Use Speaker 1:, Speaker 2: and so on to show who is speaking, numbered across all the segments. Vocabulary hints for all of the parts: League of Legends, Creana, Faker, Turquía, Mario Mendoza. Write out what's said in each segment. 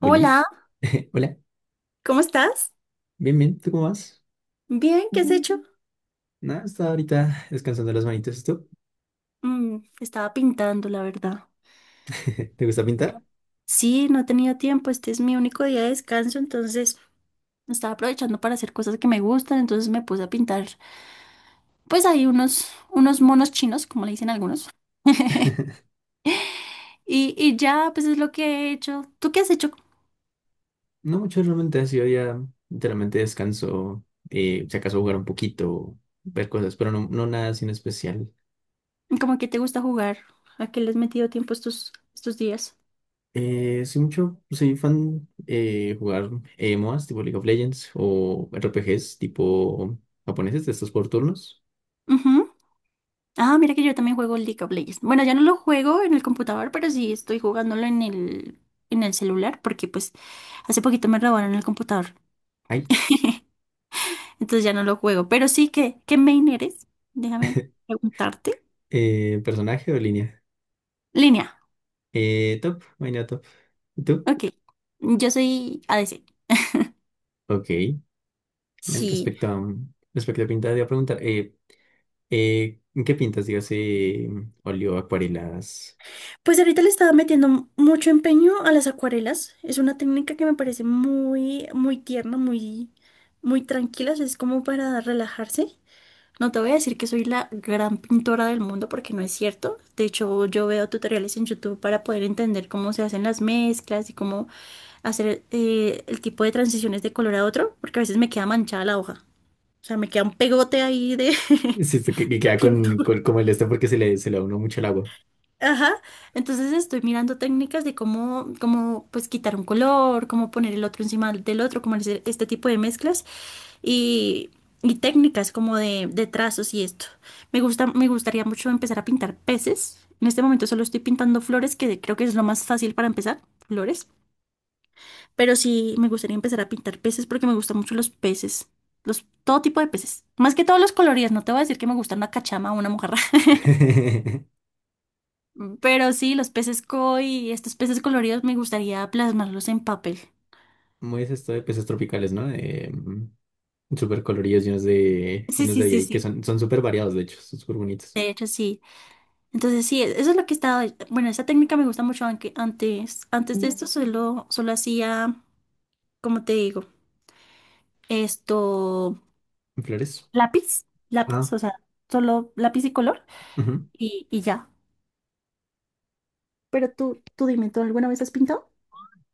Speaker 1: Hola,
Speaker 2: Olis, hola,
Speaker 1: ¿cómo estás?
Speaker 2: bien, bien, ¿tú cómo vas?
Speaker 1: Bien, ¿qué has hecho?
Speaker 2: Nada, estaba ahorita descansando las manitas, ¿tú?
Speaker 1: Bien. Estaba pintando, la verdad.
Speaker 2: ¿Te gusta pintar?
Speaker 1: Sí, no tenía tiempo, este es mi único día de descanso, entonces estaba aprovechando para hacer cosas que me gustan, entonces me puse a pintar, pues hay unos monos chinos, como le dicen algunos, y ya, pues es lo que he hecho. ¿Tú qué has hecho?
Speaker 2: No mucho realmente, así hoy ya literalmente descanso, si acaso jugar un poquito, ver cosas, pero no, no nada sin especial.
Speaker 1: ¿Cómo que te gusta jugar? ¿A qué le has metido tiempo estos días?
Speaker 2: Soy mucho, soy fan jugar MOAs tipo League of Legends o RPGs tipo japoneses de estos por turnos.
Speaker 1: Ah, mira que yo también juego League of Legends. Bueno, ya no lo juego en el computador, pero sí estoy jugándolo en el celular, porque pues hace poquito me robaron el computador.
Speaker 2: Ay,
Speaker 1: Entonces ya no lo juego. Pero sí que, ¿qué main eres? Déjame preguntarte.
Speaker 2: personaje o línea.
Speaker 1: Línea.
Speaker 2: Top, vaina top. ¿Y tú?
Speaker 1: Ok. Yo soy a ADC.
Speaker 2: Ok. Men,
Speaker 1: Sí.
Speaker 2: respecto a, respecto a pintar, te iba a preguntar, ¿en qué pintas? Digas, óleo, acuarelas.
Speaker 1: Pues ahorita le estaba metiendo mucho empeño a las acuarelas. Es una técnica que me parece muy tierna, muy tranquila. O sea, es como para relajarse. No te voy a decir que soy la gran pintora del mundo porque no es cierto. De hecho, yo veo tutoriales en YouTube para poder entender cómo se hacen las mezclas y cómo hacer el tipo de transiciones de color a otro, porque a veces me queda manchada la hoja. O sea, me queda un pegote ahí de
Speaker 2: Sí, este que
Speaker 1: de
Speaker 2: queda con,
Speaker 1: pintura.
Speaker 2: como el este porque se le aunó mucho el agua.
Speaker 1: Ajá. Entonces estoy mirando técnicas de cómo pues quitar un color, cómo poner el otro encima del otro, cómo hacer este tipo de mezclas, y, y técnicas como de trazos y esto. Me gustaría mucho empezar a pintar peces. En este momento solo estoy pintando flores, que creo que es lo más fácil para empezar, flores. Pero sí me gustaría empezar a pintar peces porque me gustan mucho los peces. Los, todo tipo de peces. Más que todos los coloridos. No te voy a decir que me gusta una cachama o una mojarra. Pero sí, los peces koi, estos peces coloridos me gustaría plasmarlos en papel.
Speaker 2: Muy es esto de peces tropicales, ¿no? De, súper coloridos,
Speaker 1: Sí,
Speaker 2: llenos de
Speaker 1: sí,
Speaker 2: vida
Speaker 1: sí,
Speaker 2: y que
Speaker 1: sí.
Speaker 2: son, son súper variados, de hecho, son súper bonitos.
Speaker 1: De hecho, sí. Entonces sí, eso es lo que estaba, bueno, esa técnica me gusta mucho, aunque antes de esto solo hacía, como te digo, esto,
Speaker 2: ¿Flores?
Speaker 1: lápiz,
Speaker 2: Ah,
Speaker 1: o sea, solo lápiz y color
Speaker 2: ujú.
Speaker 1: y ya. Pero tú dime, ¿tú alguna vez has pintado?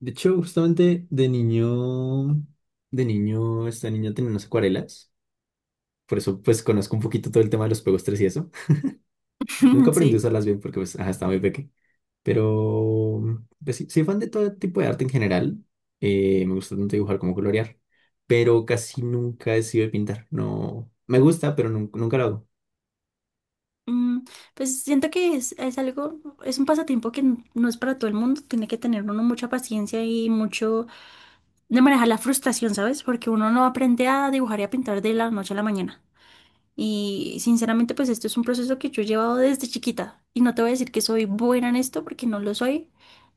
Speaker 2: De hecho, justamente de niño, esta niña tenía unas acuarelas. Por eso, pues, conozco un poquito todo el tema de los pegostres y eso. Nunca aprendí a
Speaker 1: Sí.
Speaker 2: usarlas bien porque pues, ajá, estaba muy pequeño. Pero pues, sí, soy fan de todo tipo de arte en general. Me gusta tanto dibujar como colorear. Pero casi nunca he sido de pintar. No, me gusta, pero nunca, lo hago.
Speaker 1: Mm, pues siento que es algo, es un pasatiempo que no es para todo el mundo, tiene que tener uno mucha paciencia y mucho de manejar la frustración, ¿sabes? Porque uno no aprende a dibujar y a pintar de la noche a la mañana. Y sinceramente, pues esto es un proceso que yo he llevado desde chiquita. Y no te voy a decir que soy buena en esto porque no lo soy.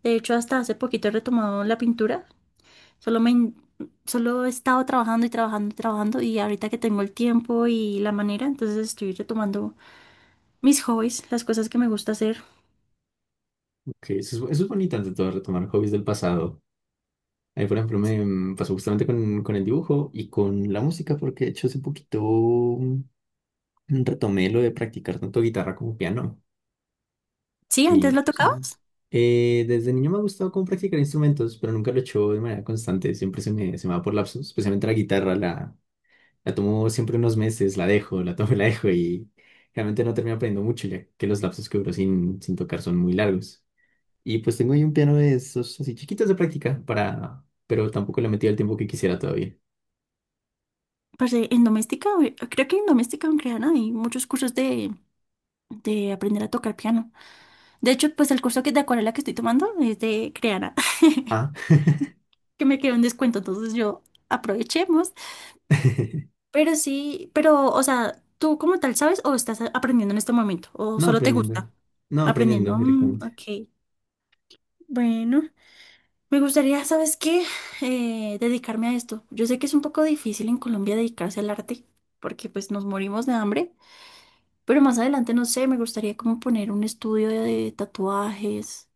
Speaker 1: De hecho, hasta hace poquito he retomado la pintura. Solo me, in- solo he estado trabajando y trabajando y trabajando. Y ahorita que tengo el tiempo y la manera, entonces estoy retomando mis hobbies, las cosas que me gusta hacer.
Speaker 2: Que eso es, eso es bonito ante todo, retomar hobbies del pasado. Ahí, por ejemplo, me pasó justamente con el dibujo y con la música, porque de hecho hace poquito retomé lo de practicar tanto guitarra como piano.
Speaker 1: Sí,
Speaker 2: Y
Speaker 1: antes lo
Speaker 2: pues,
Speaker 1: tocabas.
Speaker 2: desde niño me ha gustado como practicar instrumentos, pero nunca lo he hecho de manera constante. Siempre se me va por lapsos, especialmente la guitarra. La tomo siempre unos meses, la dejo, la tomo y la dejo y realmente no termino aprendiendo mucho, ya que los lapsos que duro sin, sin tocar son muy largos. Y pues tengo ahí un piano de esos así chiquitos de práctica para, pero tampoco le he metido el tiempo que quisiera todavía.
Speaker 1: Parce, en doméstica, creo que en doméstica en Creana hay muchos cursos de aprender a tocar piano. De hecho, pues el curso que de acuarela que estoy tomando es de Creana,
Speaker 2: Ah,
Speaker 1: que me quedó un descuento, entonces yo aprovechemos. Pero sí, pero, o sea, ¿tú como tal sabes o estás aprendiendo en este momento? ¿O
Speaker 2: no
Speaker 1: solo te
Speaker 2: aprendiendo,
Speaker 1: gusta
Speaker 2: no aprendiendo
Speaker 1: aprendiendo? Mm,
Speaker 2: directamente.
Speaker 1: ok, bueno. Me gustaría, ¿sabes qué? Dedicarme a esto. Yo sé que es un poco difícil en Colombia dedicarse al arte, porque pues nos morimos de hambre, pero más adelante, no sé, me gustaría como poner un estudio de tatuajes.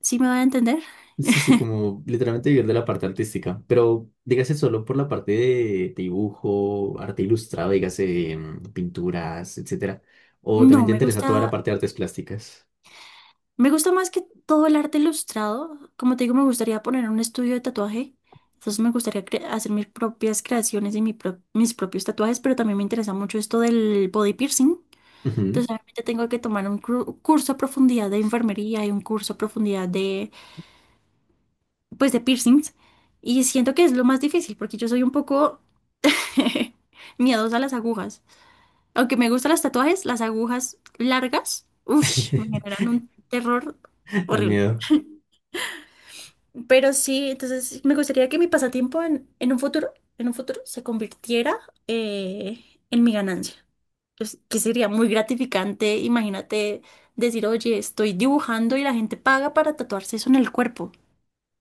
Speaker 1: ¿Sí me voy a entender?
Speaker 2: Sí, sí, como literalmente vivir de la parte artística, pero dígase solo por la parte de dibujo, arte ilustrado, dígase pinturas, etcétera. O también
Speaker 1: No,
Speaker 2: te
Speaker 1: me
Speaker 2: interesa toda la
Speaker 1: gusta,
Speaker 2: parte de artes plásticas.
Speaker 1: me gusta más que todo el arte ilustrado. Como te digo, me gustaría poner un estudio de tatuaje. Entonces me gustaría hacer mis propias creaciones y mis propios tatuajes, pero también me interesa mucho esto del body piercing.
Speaker 2: Ujú.
Speaker 1: Entonces obviamente tengo que tomar un curso a profundidad de enfermería y un curso a profundidad de, pues, de piercings. Y siento que es lo más difícil porque yo soy un poco miedosa a las agujas. Aunque me gustan los tatuajes, las agujas largas, uff, me generan un terror
Speaker 2: Dan
Speaker 1: horrible.
Speaker 2: miedo.
Speaker 1: Pero sí, entonces me gustaría que mi pasatiempo en un futuro se convirtiera eh, en mi ganancia. Pues, que sería muy gratificante, imagínate decir, oye, estoy dibujando y la gente paga para tatuarse eso en el cuerpo.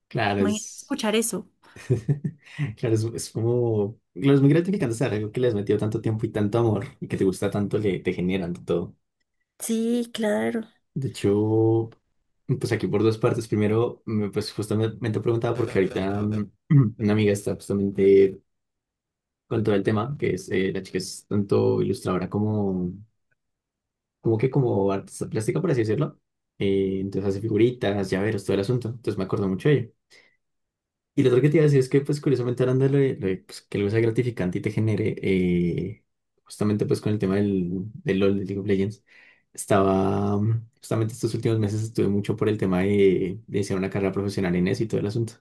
Speaker 2: Claro,
Speaker 1: Imagínate
Speaker 2: es,
Speaker 1: escuchar eso.
Speaker 2: claro, es como, claro, es muy gratificante saber algo que le has metido tanto tiempo y tanto amor y que te gusta tanto, le te generan todo.
Speaker 1: Sí, claro.
Speaker 2: De hecho, pues aquí por dos partes. Primero, pues justamente preguntaba porque ahorita una amiga está justamente con todo el tema, que es la chica es tanto ilustradora como, como que como artista plástica, por así decirlo. Entonces hace figuritas, llaveros, todo el asunto. Entonces me acuerdo mucho de ella. Y lo otro que te iba a decir es que, pues, curiosamente, hablando de, pues, que algo sea gratificante y te genere, justamente, pues, con el tema del, del LOL, de League of Legends, estaba, justamente estos últimos meses estuve mucho por el tema de hacer una carrera profesional en eso y todo el asunto.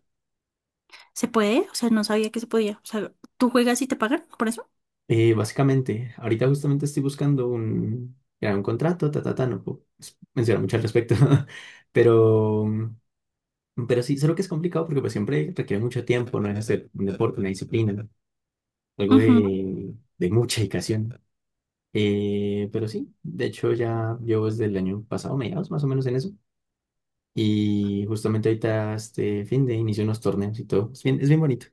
Speaker 1: ¿Se puede? O sea, no sabía que se podía. O sea, ¿tú juegas y te pagan por eso?
Speaker 2: Básicamente, ahorita justamente estoy buscando un, crear un contrato, ta, ta, ta, no puedo pues, mencionar mucho al respecto, pero, pero sí, solo que es complicado porque pues siempre requiere mucho tiempo, no es hacer un deporte, una disciplina, algo de mucha dedicación. Pero sí, de hecho ya llevo desde el año pasado, mediados más o menos en eso, y justamente ahorita este fin de inicio unos torneos y todo, es bien bonito.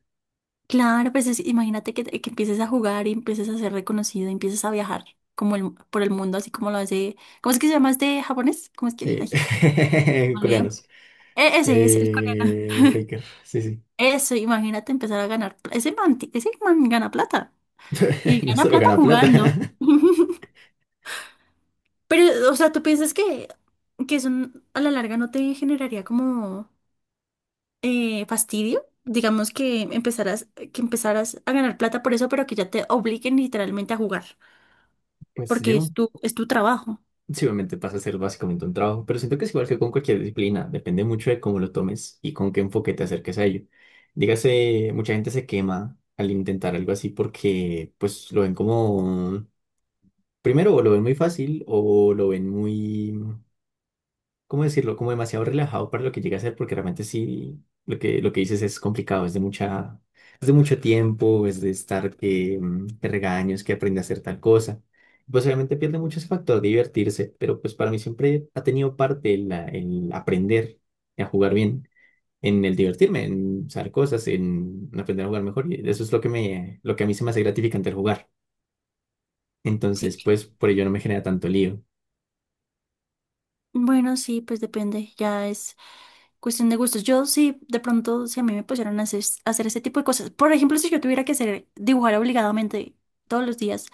Speaker 1: Claro, pues imagínate que empieces a jugar y empieces a ser reconocido, y empieces a viajar como por el mundo, así como lo hace. ¿Cómo es que se llama este japonés? ¿Cómo es que? Ay, me olvido.
Speaker 2: Coreanos.
Speaker 1: Ese es el coreano.
Speaker 2: Faker, sí, sí.
Speaker 1: Eso, imagínate empezar a ganar. Ese man, ese man gana plata. Y
Speaker 2: No
Speaker 1: gana
Speaker 2: solo
Speaker 1: plata
Speaker 2: gana plata.
Speaker 1: jugando. Pero, o sea, ¿tú piensas que eso a la larga no te generaría como fastidio? Digamos que empezarás, que empezaras a ganar plata por eso, pero que ya te obliguen literalmente a jugar.
Speaker 2: Pues
Speaker 1: Porque
Speaker 2: llega
Speaker 1: es
Speaker 2: un...
Speaker 1: es tu trabajo.
Speaker 2: sí, obviamente pasa a ser básicamente un trabajo, pero siento que es igual que con cualquier disciplina, depende mucho de cómo lo tomes y con qué enfoque te acerques a ello. Dígase, mucha gente se quema al intentar algo así porque pues lo ven como, primero o lo ven muy fácil o lo ven muy ¿cómo decirlo? Como demasiado relajado para lo que llega a ser, porque realmente sí, lo que dices es complicado, es de mucha, es de mucho tiempo, es de estar que te regaños, que aprende a hacer tal cosa. Pues obviamente pierde mucho ese factor de divertirse, pero pues para mí siempre ha tenido parte el, el aprender a jugar bien, en el divertirme, en saber cosas, en aprender a jugar mejor, y eso es lo que me, lo que a mí se me hace gratificante el jugar. Entonces,
Speaker 1: Sí.
Speaker 2: pues por ello no me genera tanto lío.
Speaker 1: Bueno, sí, pues depende, ya es cuestión de gustos. Yo sí, de pronto, si a mí me pusieran a hacer ese tipo de cosas, por ejemplo, si yo tuviera que hacer dibujar obligadamente todos los días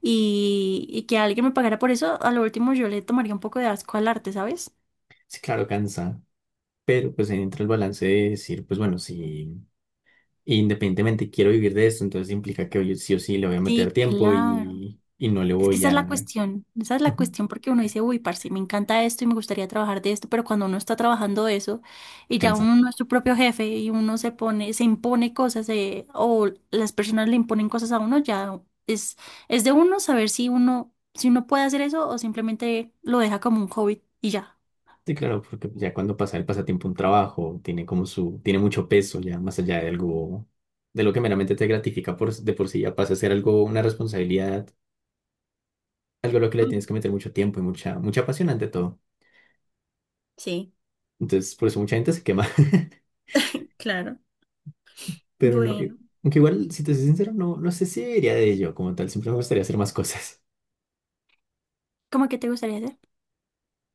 Speaker 1: y que alguien me pagara por eso, a lo último yo le tomaría un poco de asco al arte, ¿sabes?
Speaker 2: Sí, claro, cansa. Pero pues ahí entra el balance de decir, pues bueno, si independientemente quiero vivir de esto, entonces implica que hoy sí o sí le voy a meter
Speaker 1: Sí,
Speaker 2: tiempo
Speaker 1: claro.
Speaker 2: y no le
Speaker 1: Es que
Speaker 2: voy
Speaker 1: esa es la
Speaker 2: a
Speaker 1: cuestión, esa es la cuestión porque uno dice, uy, parce, me encanta esto y me gustaría trabajar de esto, pero cuando uno está trabajando eso y ya
Speaker 2: cansar.
Speaker 1: uno no es su propio jefe y uno se pone, se impone cosas o las personas le imponen cosas a uno, ya es de uno saber si uno, si uno puede hacer eso o simplemente lo deja como un hobby y ya.
Speaker 2: Sí, claro, porque ya cuando pasa el pasatiempo a un trabajo, tiene como su, tiene mucho peso ya más allá de algo, de lo que meramente te gratifica por, de por sí, ya pasa a ser algo, una responsabilidad, algo a lo que le
Speaker 1: Mm,
Speaker 2: tienes que meter mucho tiempo y mucha, mucha pasión ante todo.
Speaker 1: sí,
Speaker 2: Entonces, por eso mucha gente se quema,
Speaker 1: claro.
Speaker 2: pero no.
Speaker 1: Bueno.
Speaker 2: Aunque igual, si te soy sincero, no, no sé si debería de ello como tal, siempre me gustaría hacer más cosas.
Speaker 1: ¿Cómo que te gustaría hacer?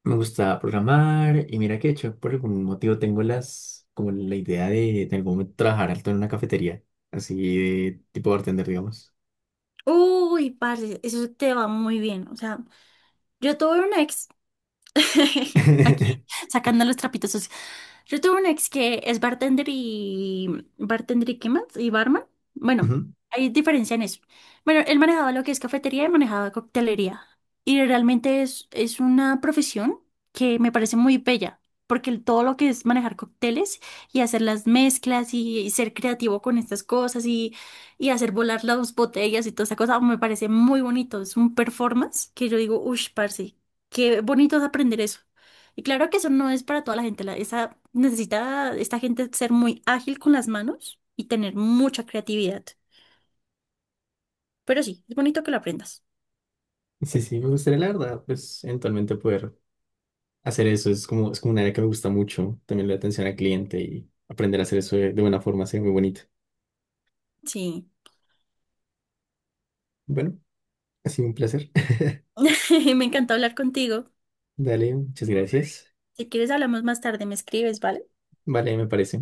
Speaker 2: Me gusta programar y mira que de hecho por algún motivo tengo las como la idea de en algún momento trabajar alto en una cafetería, así de tipo bartender, digamos.
Speaker 1: Uy, parce, eso te va muy bien. O sea, yo tuve un ex. Aquí sacando los trapitos sucios. Yo tuve un ex que es bartender y bartender y qué más y barman. Bueno,
Speaker 2: Ujú.
Speaker 1: hay diferencia en eso. Bueno, él manejaba lo que es cafetería y manejaba coctelería. Y realmente es una profesión que me parece muy bella, porque todo lo que es manejar cócteles y hacer las mezclas y ser creativo con estas cosas y hacer volar las botellas y toda esa cosa, me parece muy bonito. Es un performance que yo digo, uff, parce. Qué bonito es aprender eso. Y claro que eso no es para toda la gente. Necesita esta gente ser muy ágil con las manos y tener mucha creatividad. Pero sí, es bonito que lo aprendas.
Speaker 2: Sí, sí, me gustaría la verdad, pues eventualmente poder hacer eso, es como un área que me gusta mucho, también la atención al cliente y aprender a hacer eso de buena forma, sería muy bonito.
Speaker 1: Sí.
Speaker 2: Bueno, ha sido un placer.
Speaker 1: Me encantó hablar contigo.
Speaker 2: Dale, muchas gracias.
Speaker 1: Si quieres, hablamos más tarde. Me escribes, ¿vale?
Speaker 2: Vale, me parece.